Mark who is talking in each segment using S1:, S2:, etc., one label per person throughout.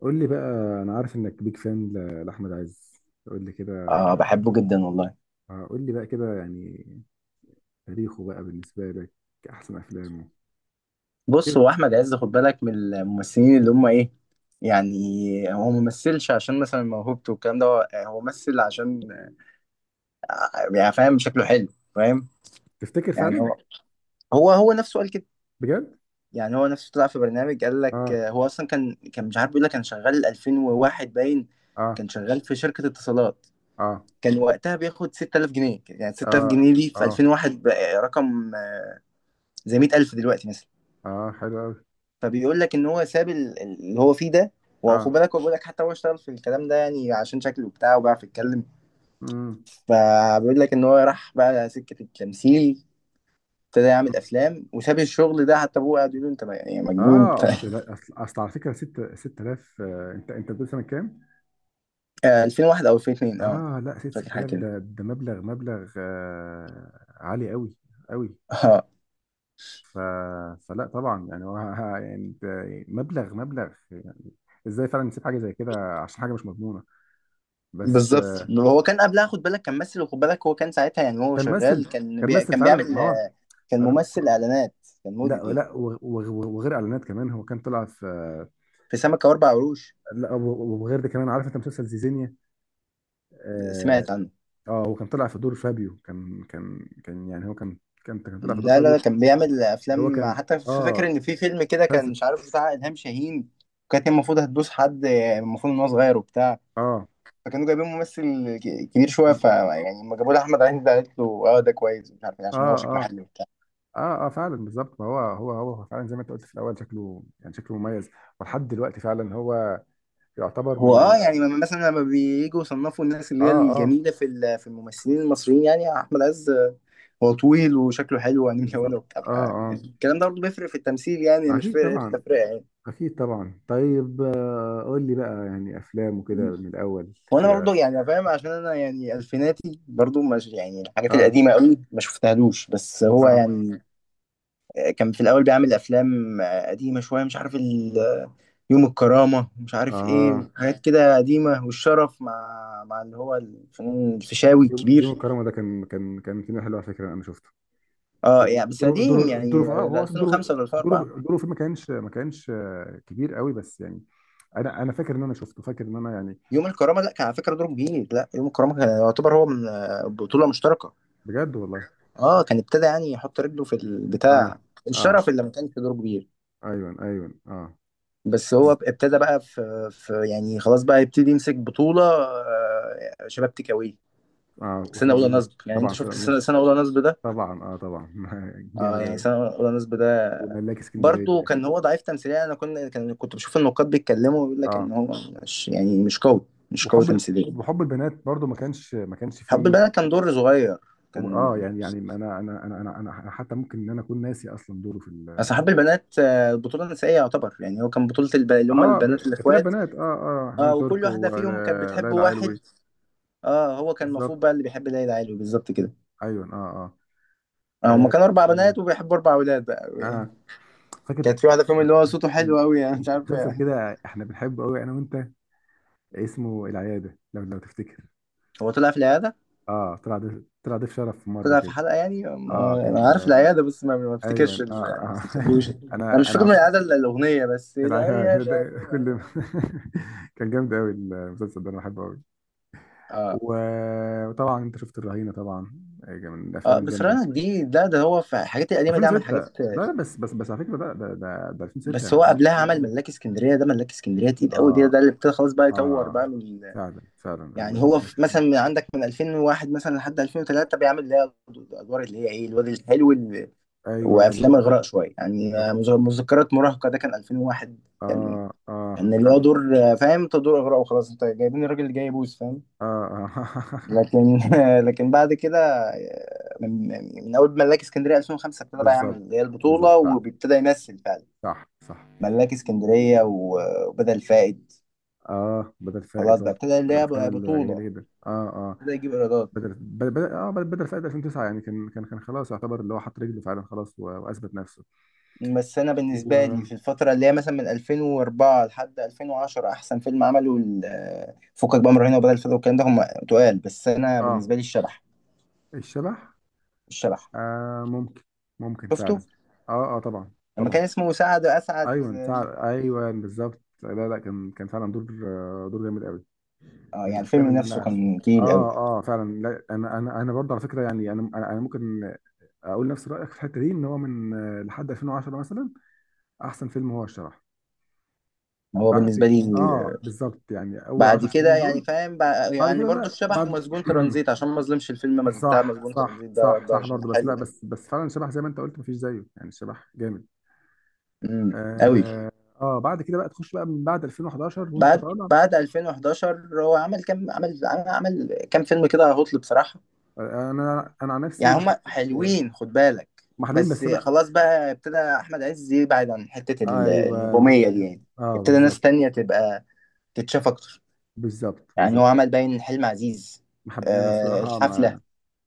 S1: قول لي بقى. انا عارف انك بيج فان لاحمد عز. قول لي كده.
S2: اه، بحبه جدا والله.
S1: قول لي بقى كده يعني. تاريخه بقى بالنسبه لك، احسن افلامه
S2: بص،
S1: كده.
S2: هو احمد عز، خد بالك من الممثلين اللي هم ايه، يعني هو ممثلش عشان مثلا موهوبته والكلام ده. هو يعني هو ممثل عشان يعني فاهم، شكله حلو، فاهم؟
S1: تفتكر
S2: يعني
S1: فعلا؟
S2: هو نفسه قال كده.
S1: بجد؟
S2: يعني هو نفسه طلع في برنامج، قال لك
S1: اه،
S2: هو اصلا كان مش عارف، بيقول لك كان شغال 2001 باين.
S1: اه،
S2: كان شغال في شركة اتصالات،
S1: اه،
S2: كان وقتها بياخد 6000 جنيه. يعني 6000
S1: اه،
S2: جنيه دي في
S1: اه،
S2: 2001 بقى رقم، زي 100000 دلوقتي مثلا.
S1: اه. حلو قوي.
S2: فبيقول لك ان هو ساب اللي هو فيه ده. واخد
S1: اه.
S2: بالك، هو بيقول لك حتى هو اشتغل في الكلام ده يعني عشان شكله بتاعه بيعرف يتكلم.
S1: امم
S2: فبيقول لك ان هو راح بقى سكة التمثيل، ابتدى يعمل افلام وساب الشغل ده. حتى ابوه قعد يقول له، انت يعني مجنون انت.
S1: اه. اصل، لا، اصل على فكره، 6 6000، انت بتقول سنه كام؟
S2: 2001 او 2002. اه،
S1: اه. لا، 6
S2: فاكر حاجه
S1: 6000
S2: كده.
S1: ده مبلغ عالي قوي، قوي.
S2: اه
S1: ف... فلا طبعا يعني، هو يعني انت. مبلغ يعني. ازاي فعلا نسيب حاجه زي كده عشان حاجه مش مضمونه؟ بس
S2: بالظبط،
S1: بالظبط.
S2: هو كان قبلها خد بالك كان ممثل، وخد بالك هو كان ساعتها يعني هو
S1: كان مثل.
S2: شغال،
S1: كان مثل
S2: كان
S1: فعلا،
S2: بيعمل،
S1: ما هو.
S2: كان
S1: أنا-
S2: ممثل اعلانات، كان
S1: لا
S2: موديل يعني،
S1: لا، وغير اعلانات كمان، هو كان طلع في.
S2: في سمكه واربع قروش.
S1: لا وغير ده كمان، عارف انت مسلسل زيزينيا؟ اه.
S2: سمعت عنه.
S1: هو كان طلع في دور فابيو، كان كان كان يعني هو كان طلع في دور
S2: لا، لا،
S1: فابيو.
S2: لا، كان بيعمل
S1: اللي هو
S2: افلام،
S1: كان،
S2: حتى فاكر
S1: اه،
S2: ان في فيلم كده، كان
S1: مسلسل.
S2: مش عارف، بتاع الهام شاهين. وكانت هي المفروض هتدوس حد، المفروض ان هو صغير وبتاع،
S1: اه،
S2: فكانوا جايبين ممثل كبير شويه. ف يعني لما جابوا له احمد عز قالت له اه ده كويس، مش عارف إيه،
S1: اه،
S2: عشان هو شكله
S1: اه،
S2: حلو وبتاع.
S1: اه، اه فعلا بالظبط. ما هو فعلا زي ما انت قلت في الاول، شكله يعني شكله مميز. ولحد دلوقتي فعلا هو يعتبر من
S2: هو اه
S1: ال...
S2: يعني مثلا لما بييجوا يصنفوا الناس
S1: اه،
S2: اللي هي
S1: اه،
S2: الجميله في في الممثلين المصريين يعني احمد عز، هو طويل وشكله حلو وعينيه ملونه
S1: بالظبط
S2: وبتاع.
S1: اه،
S2: يعني الكلام ده برضه بيفرق في التمثيل، يعني
S1: اه،
S2: مش
S1: اكيد
S2: فرق
S1: طبعا.
S2: التفرقه يعني.
S1: اكيد طبعا. طيب، قول لي بقى يعني افلام وكده من الاول.
S2: وانا برضو
S1: كده.
S2: يعني فاهم، عشان انا يعني الفيناتي برضو، مش يعني الحاجات
S1: اه،
S2: القديمه قوي ما شفتهالوش، بس هو
S1: اه،
S2: يعني كان في الاول بيعمل افلام قديمه شويه، مش عارف يوم الكرامه، مش عارف ايه،
S1: اه.
S2: وحاجات كده قديمه. والشرف مع اللي هو الفنان الفيشاوي
S1: يوم
S2: الكبير.
S1: الكرامه ده كان فيلم حلو على فكره، انا شفته.
S2: اه
S1: هو
S2: يعني بس قديم
S1: دوره في،
S2: يعني.
S1: اه، هو اصلا
S2: 2005 ولا 2004؟
S1: دوره فيه ما كانش كبير قوي، بس يعني انا فاكر ان انا شفته، فاكر ان انا يعني.
S2: يوم الكرامه لا، كان على فكره دوره جديد. لا يوم الكرامه كان يعتبر هو من، بطوله مشتركه.
S1: بجد والله.
S2: اه كان ابتدى يعني يحط رجله في
S1: اه،
S2: البتاع،
S1: اه،
S2: الشرف اللي ما كانش دوره كبير.
S1: ايوه ايوه اه،
S2: بس هو ابتدى بقى في يعني خلاص بقى يبتدي يمسك بطولة، شباب تكاوي،
S1: اه،
S2: سنة
S1: وسنة اقول
S2: أولى
S1: لهم.
S2: نصب. يعني أنت
S1: طبعا سنة
S2: شفت
S1: أقول لهم.
S2: سنة أولى نصب ده؟
S1: طبعا اه، طبعا
S2: اه
S1: جامد
S2: يعني
S1: قوي.
S2: سنة أولى نصب ده
S1: وملاك
S2: برضه
S1: اسكندريه.
S2: كان هو ضعيف تمثيليا. أنا كنت كنت بشوف النقاد بيتكلموا، بيقول لك
S1: اه،
S2: إن هو مش يعني مش قوي، مش قوي
S1: وحب
S2: تمثيليا.
S1: وحب البنات برضو ما كانش، ما كانش
S2: حب
S1: فيه.
S2: البنات كان دور صغير،
S1: اه،
S2: كان
S1: يعني، يعني انا انا انا انا انا أنا حتى ممكن ان انا اكون ناسي اصلا دوره في ال...
S2: أصل حب البنات، بطولة نسائية يعتبر، يعني هو كان بطولة اللي هم
S1: اه،
S2: البنات
S1: ثلاث
S2: الإخوات.
S1: بنات اه، اه،
S2: اه،
S1: حنان
S2: وكل
S1: ترك
S2: واحدة فيهم كانت بتحب
S1: وليلى
S2: واحد.
S1: علوي.
S2: اه، هو كان المفروض
S1: بالظبط.
S2: بقى اللي بيحب ليلى علوي بالظبط كده.
S1: ايوه اه، اه،
S2: هما
S1: اه،
S2: كانوا اربع بنات وبيحبوا اربع اولاد بقى يعني.
S1: آه. فاكر.
S2: كانت في
S1: كان
S2: واحده فيهم اللي هو صوته
S1: كان
S2: حلو قوي، يعني
S1: كان
S2: مش
S1: في
S2: عارف
S1: مسلسل
S2: يعني.
S1: كده احنا بنحبه قوي انا وانت، اسمه العيادة، لو تفتكر.
S2: هو طلع في العياده،
S1: اه، طلع ضيف شرف في مرة
S2: طلع في
S1: كده.
S2: حلقه، يعني
S1: اه،
S2: انا
S1: كان.
S2: عارف
S1: آه،
S2: العياده، بس ما
S1: ايوه
S2: افتكرش
S1: اه،
S2: ما
S1: آه.
S2: افتكرلوش. انا مش
S1: انا
S2: فاكر من
S1: عارف.
S2: العياده الا الاغنيه بس،
S1: العيادة
S2: العياده في
S1: ده كل...
S2: العيادة.
S1: كان جامد قوي المسلسل ده، انا بحبه قوي.
S2: اه،
S1: وطبعا انت شفت الرهينة طبعا. من الافلام
S2: اه. بس
S1: الجامدة،
S2: فرنك دي ده هو في الحاجات القديمه دي عمل
S1: 2006.
S2: حاجات.
S1: لا لا، بس على فكرة ده 2006، يعني
S2: بس هو
S1: يعتبر
S2: قبلها
S1: قديم
S2: عمل
S1: قوي.
S2: ملاك اسكندريه. ده ملاك اسكندريه تقيل قوي ده
S1: اه،
S2: ده اللي ابتدى خلاص بقى يطور بقى
S1: اه،
S2: من.
S1: فعلا فعلا
S2: يعني هو في
S1: ال...
S2: مثلا من عندك من 2001 مثلا لحد 2003 بيعمل اللي هي الادوار اللي هي ايه الواد الحلو،
S1: ايوه
S2: وافلام
S1: بالظبط.
S2: اغراء شويه يعني،
S1: بالظبط
S2: مذكرات مراهقه ده كان 2001. كان
S1: اه، اه،
S2: كان اللي هو
S1: فعلا.
S2: دور، فاهم انت، دور اغراء وخلاص، انت جايبين الراجل اللي جاي يبوس، فاهم؟
S1: اه، اه
S2: لكن لكن بعد كده، آه، من من اول ملاك اسكندريه 2005 ابتدى بقى يعمل
S1: بالظبط.
S2: اللي هي
S1: بالظبط
S2: البطوله
S1: فعلا.
S2: وبيبتدى يمثل فعلا.
S1: صح صح.
S2: ملاك اسكندريه وبدل فائد،
S1: اه، بدل فائد
S2: خلاص بقى
S1: برضه،
S2: ابتدى اللي
S1: من
S2: هي
S1: الافلام
S2: بقى
S1: الجميله
S2: بطوله،
S1: جدا اه، اه،
S2: ابتدى يجيب ايرادات.
S1: بدل فائد 2009، يعني كان خلاص، يعتبر اللي هو حط رجله فعلا خلاص واثبت نفسه.
S2: بس انا
S1: و...
S2: بالنسبه لي في الفتره اللي هي مثلا من 2004 لحد 2010 احسن فيلم عمله فكك بقى، من رهينه وبدل الفضل والكلام ده، هم تقال. بس انا
S1: اه،
S2: بالنسبه لي الشبح.
S1: الشبح.
S2: الشبح
S1: آه، ممكن. ممكن فعلا.
S2: شفته
S1: اه، اه، طبعا.
S2: لما
S1: طبعا.
S2: كان اسمه سعد اسعد.
S1: ايوه فعلا ايوه، بالظبط. لا لا، كان فعلا دور، دور جامد قوي.
S2: اه
S1: من
S2: يعني الفيلم
S1: الافلام اللي
S2: نفسه
S1: انا...
S2: كان تقيل قوي،
S1: اه، اه، فعلا. لا انا، برضه على فكره يعني، انا أنا ممكن اقول نفس رايك في الحته دي، ان هو من، لحد 2010 مثلا، احسن فيلم هو الشبح.
S2: هو بالنسبه
S1: بعد.
S2: لي.
S1: اه، بالظبط يعني اول
S2: بعد
S1: 10 سنين
S2: كده يعني
S1: دول.
S2: فاهم
S1: بعد
S2: يعني
S1: كده.
S2: برضو
S1: لا
S2: الشبح
S1: بعد.
S2: ومسجون ترانزيت، عشان ما اظلمش الفيلم بتاع
S1: صح
S2: مسجون
S1: صح
S2: ترانزيت ده
S1: صح
S2: ده
S1: صح
S2: عشان
S1: برضه، بس لا،
S2: حلو.
S1: بس بس فعلا الشبح زي ما انت قلت مفيش زيه، يعني الشبح جامد.
S2: امم، قوي.
S1: اه، بعد كده بقى تخش بقى من بعد 2011 وانت
S2: بعد
S1: طالع.
S2: بعد 2011 هو عمل كام عمل، عمل كام فيلم كده هطل بصراحه.
S1: انا عن نفسي
S2: يعني
S1: ما
S2: هما
S1: حبيتش.
S2: حلوين خد بالك،
S1: محلوين
S2: بس
S1: بس انا.
S2: خلاص بقى ابتدى احمد عز يبعد عن حته
S1: ايوه
S2: النجوميه دي يعني،
S1: اه،
S2: ابتدى ناس
S1: بالظبط.
S2: تانية تبقى تتشاف اكتر.
S1: بالظبط.
S2: يعني هو
S1: بالظبط
S2: عمل باين حلم عزيز،
S1: ما حب... انا الصراحه
S2: الحفله،
S1: ما...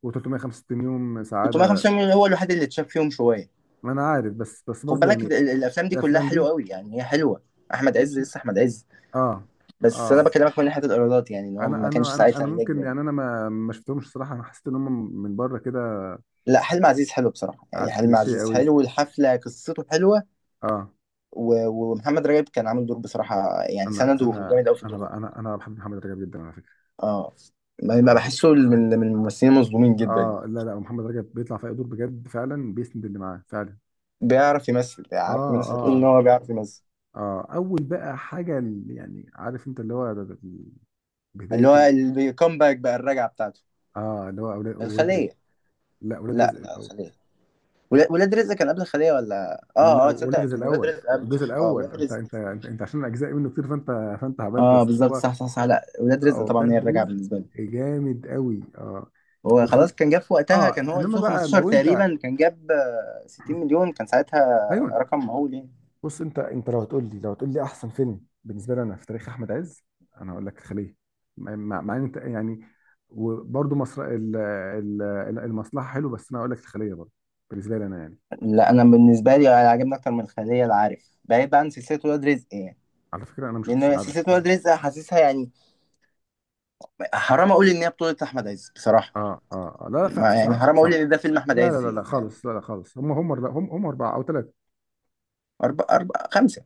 S1: و365 يوم سعاده.
S2: 350 مليون هو الوحيد اللي اتشاف فيهم شويه.
S1: ما انا عارف، بس
S2: خد
S1: برضو
S2: بالك
S1: يعني.
S2: الافلام دي كلها
S1: الافلام
S2: حلوه
S1: دي.
S2: قوي، يعني هي حلوه، احمد عز لسه احمد عز.
S1: اه، اه،
S2: بس انا بكلمك من ناحيه الايرادات، يعني ان هو
S1: انا
S2: ما كانش
S1: انا انا
S2: ساعتها
S1: انا
S2: النجم
S1: ممكن، يعني
S2: يعني.
S1: انا ما شفتهمش صراحه، انا حسيت ان هم من بره كده،
S2: لا، حلم عزيز حلو بصراحه، يعني
S1: عارف،
S2: حلم
S1: كليشيه
S2: عزيز
S1: قوي.
S2: حلو، والحفله قصته حلوه.
S1: اه،
S2: ومحمد رجب كان عامل دور بصراحة، يعني
S1: انا
S2: سنده
S1: انا
S2: جامد قوي في
S1: انا
S2: الدور ده.
S1: بقى، انا بحب محمد رجب جدا على فكره.
S2: اه، ما
S1: محمد رجب.
S2: بحسه
S1: اه،
S2: من الممثلين المظلومين جدا يعني،
S1: لا لا، محمد رجب بيطلع في اي دور بجد فعلا، بيسند اللي معاه فعلا.
S2: بيعرف يمثل، عارف، من
S1: اه،
S2: الناس اللي بتقول ان
S1: اه،
S2: هو بيعرف يمثل.
S1: اه، اول بقى حاجه اللي يعني عارف انت اللي هو ده.
S2: اللي
S1: بدايه
S2: هو الكومباك بقى، الرجعة بتاعته،
S1: اه، اللي هو ولاد رزق.
S2: الخلية.
S1: لا اولاد
S2: لا، لا،
S1: رزق.
S2: الخلية. ولاد رزق كان قبل الخلية ولا؟
S1: لا
S2: اه، اه،
S1: ولد
S2: تصدق كان ولاد
S1: الاول،
S2: رزق قبله.
S1: الجزء
S2: صح، اه
S1: الاول،
S2: ولاد رزق.
S1: انت عشان اجزاء منه كتير، فانت. فانت عملت
S2: اه
S1: بس
S2: بالظبط،
S1: هو...
S2: صح، صح، صح، لا ولاد رزق طبعا
S1: اولاد
S2: هي الرجعة
S1: رزق
S2: بالنسبة لي.
S1: جامد قوي اه.
S2: هو
S1: وخن...
S2: خلاص كان جاب في وقتها،
S1: اه،
S2: كان هو
S1: انما بقى
S2: 2015
S1: لو انت.
S2: تقريبا، كان جاب، 60 مليون، كان ساعتها
S1: ايوه.
S2: رقم مهول يعني.
S1: بص، انت لو هتقول لي، لو هتقول لي احسن فيلم بالنسبه لي انا في تاريخ احمد عز، انا هقول لك خليه. مع ان انت يعني وبرضه مصر ال... ال... المصلحه حلو، بس انا اقول لك الخليه برضه بالنسبه لي انا يعني.
S2: لا، انا بالنسبه لي عاجبني اكتر من الخليه، العارف، بعيد بقى عن سلسله ولاد رزق يعني،
S1: على فكره انا ما شفتش
S2: لان
S1: العبث.
S2: سلسله ولاد رزق حاسسها يعني حرام اقول ان هي بطوله احمد عز بصراحه.
S1: اه، اه، آه. لا لا،
S2: ما يعني
S1: صح
S2: حرام اقول
S1: صح.
S2: ان ده فيلم احمد
S1: لا لا
S2: عز
S1: لا لا
S2: يعني، فاهم؟
S1: خالص. لا لا خالص، هم هم لا هم اربعه او ثلاثه.
S2: اربع، اربع، خمسه،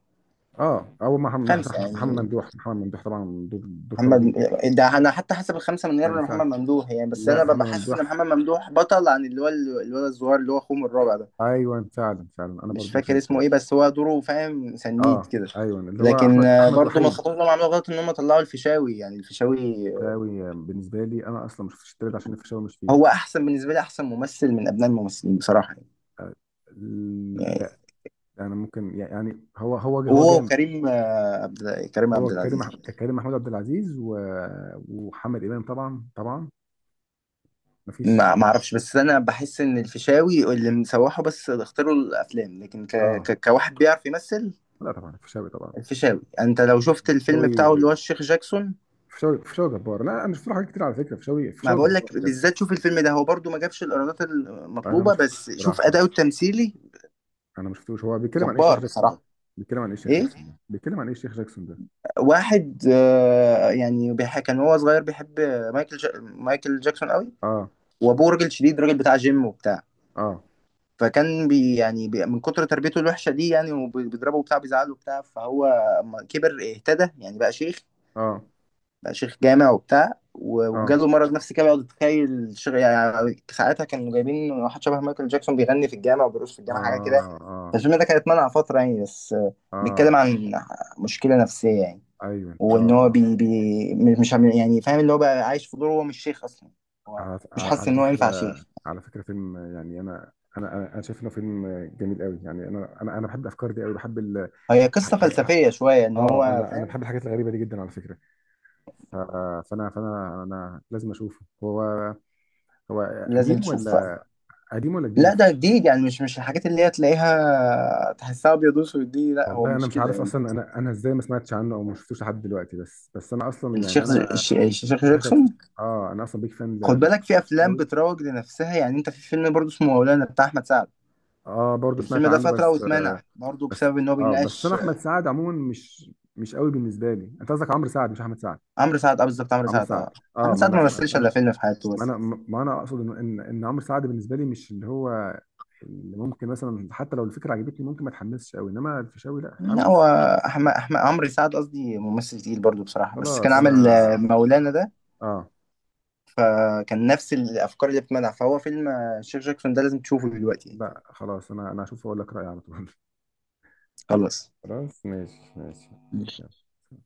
S1: اه، او
S2: خمسه
S1: محمد
S2: يعني.
S1: ممدوح. محمد ممدوح طبعا، دور، دور قوي
S2: محمد،
S1: جدا.
S2: ده انا حتى حسب الخمسه من
S1: ما
S2: غير
S1: ينفعش.
S2: محمد ممدوح يعني، بس
S1: لا
S2: انا
S1: محمد
S2: ببقى حاسس ان
S1: ممدوح.
S2: محمد ممدوح بطل، عن اللي هو الولد الصغير اللي هو اخوه من الرابع ده.
S1: ايوه فعلا، فعلا انا
S2: مش
S1: برضو
S2: فاكر
S1: شايف
S2: اسمه
S1: كده.
S2: ايه، بس هو دوره فاهم سنيد
S1: اه،
S2: كده.
S1: ايوه اللي هو
S2: لكن،
S1: احمد، احمد
S2: برضو من
S1: وحيد.
S2: الخطوات اللي هم عملوا غلط ان هم طلعوا الفيشاوي، يعني الفيشاوي
S1: فشاوي، بالنسبه لي انا اصلا ما شفتش التالت عشان الفيشاوي مش فيه.
S2: هو احسن بالنسبه لي، احسن ممثل من ابناء الممثلين بصراحه يعني، يعني.
S1: لا، انا ممكن يعني هو،
S2: وهو
S1: جامد.
S2: وكريم آه، عبد كريم
S1: هو
S2: عبد
S1: كريم،
S2: العزيز.
S1: كريم محمود عبد العزيز وحمد امام طبعا طبعا. ما فيش.
S2: ما اعرفش، بس انا بحس ان الفيشاوي اللي مسوحه، بس اختاروا الافلام، لكن
S1: اه،
S2: كواحد بيعرف يمثل،
S1: لا طبعا الفيشاوي طبعا.
S2: الفيشاوي. يعني انت لو شفت الفيلم
S1: شوي.
S2: بتاعه اللي هو الشيخ جاكسون.
S1: فشاوي، فشاوي جبار. لا انا مش شفت له حاجات كتير على فكره، فشاوي
S2: ما
S1: فشاوي
S2: بقول
S1: جبار
S2: لك
S1: بجد.
S2: بالذات، شوف الفيلم ده، هو برضو ما جابش الايرادات
S1: انا ما
S2: المطلوبه،
S1: شفتوش
S2: بس شوف
S1: بصراحه.
S2: اداؤه التمثيلي،
S1: انا ما شفتوش. هو بيتكلم عن ايه الشيخ
S2: جبار
S1: جاكسون ده؟
S2: بصراحه.
S1: بيتكلم عن ايه الشيخ
S2: ايه؟
S1: جاكسون ده؟ بيتكلم عن ايه الشيخ جاكسون ده؟
S2: واحد، يعني كان وهو صغير بيحب مايكل جاكسون قوي.
S1: اه،
S2: وابوه راجل شديد، راجل بتاع جيم وبتاع.
S1: اه،
S2: فكان بي يعني بي من كتر تربيته الوحشه دي يعني، وبيضربه وبتاع، بيزعله وبتاع. فهو اما كبر اهتدى يعني، بقى شيخ،
S1: اه،
S2: بقى شيخ جامع وبتاع.
S1: اه،
S2: وجاله مرض نفسي كده، بيقعد يتخيل يعني ساعتها كانوا جايبين واحد شبه مايكل جاكسون، بيغني في الجامع وبيرقص في الجامع حاجه كده.
S1: اه، اه،
S2: فالفيلم ده كان اتمنع فتره يعني، بس،
S1: اه،
S2: بيتكلم عن مشكله نفسيه يعني،
S1: ايوه اه،
S2: وان هو
S1: اه،
S2: بي... بي... مش عم- يعني فاهم، اللي هو بقى عايش في دور هو مش شيخ اصلا. هو
S1: على
S2: مش حاسس ان هو ينفع
S1: فكره.
S2: شيخ،
S1: على فكره فيلم يعني، انا أنا شايف انه فيلم جميل قوي يعني، انا بحب الافكار دي قوي، بحب ال...
S2: هي
S1: الح-
S2: قصة
S1: الح- الح-
S2: فلسفية شوية، إن
S1: اه،
S2: هو
S1: انا
S2: فاهم.
S1: بحب الحاجات الغريبه دي جدا على فكره. ف- فانا فانا انا لازم اشوفه. هو. هو
S2: لازم
S1: قديم
S2: تشوفها.
S1: ولا... قديم ولا جديد؟
S2: لا، ده جديد، يعني مش الحاجات اللي هي تلاقيها تحسها أبيض وأسود دي، لا هو
S1: والله انا
S2: مش
S1: مش
S2: كده
S1: عارف
S2: يعني.
S1: اصلا انا، ازاي ما سمعتش عنه او ما شفتوش لحد دلوقتي، بس انا اصلا يعني
S2: الشيخ
S1: انا.
S2: الشيخ
S1: شكلك.
S2: جاكسون.
S1: اه، انا اصلا بيك
S2: خد
S1: فان
S2: بالك في أفلام
S1: قوي.
S2: بتروج لنفسها، يعني أنت في فيلم برضه اسمه مولانا بتاع أحمد سعد.
S1: اه، برضو سمعت
S2: الفيلم ده
S1: عنه
S2: فترة
S1: بس آه.
S2: واتمنع برضه
S1: بس.
S2: بسبب إن هو
S1: اه، بس انا
S2: بيناقش.
S1: احمد سعد عموما مش، مش قوي بالنسبه لي. انت قصدك عمرو سعد مش احمد سعد؟
S2: عمرو سعد أه، بالظبط، عمرو
S1: عمرو
S2: سعد أه.
S1: سعد اه،
S2: أحمد سعد ما
S1: ما
S2: مثلش
S1: انا
S2: إلا فيلم في حياته
S1: ما
S2: بس.
S1: انا، اقصد ان إن عمرو سعد بالنسبه لي مش اللي هو اللي ممكن مثلا حتى لو الفكره عجبتني ممكن ما اتحمسش قوي، انما الفيشاوي لا
S2: لا هو،
S1: اتحمس.
S2: أحمد عمرو سعد قصدي، ممثل تقيل برضه بصراحة، بس كان
S1: خلاص انا.
S2: عامل، مولانا ده،
S1: اه،
S2: فكان نفس الافكار اللي بتمنع. فهو فيلم، الشيخ جاكسون ده لازم تشوفه دلوقتي يعني.
S1: لا خلاص، انا، هشوف واقول لك رايي على طول.
S2: خلص.
S1: خلاص ماشي ماشي. يلا.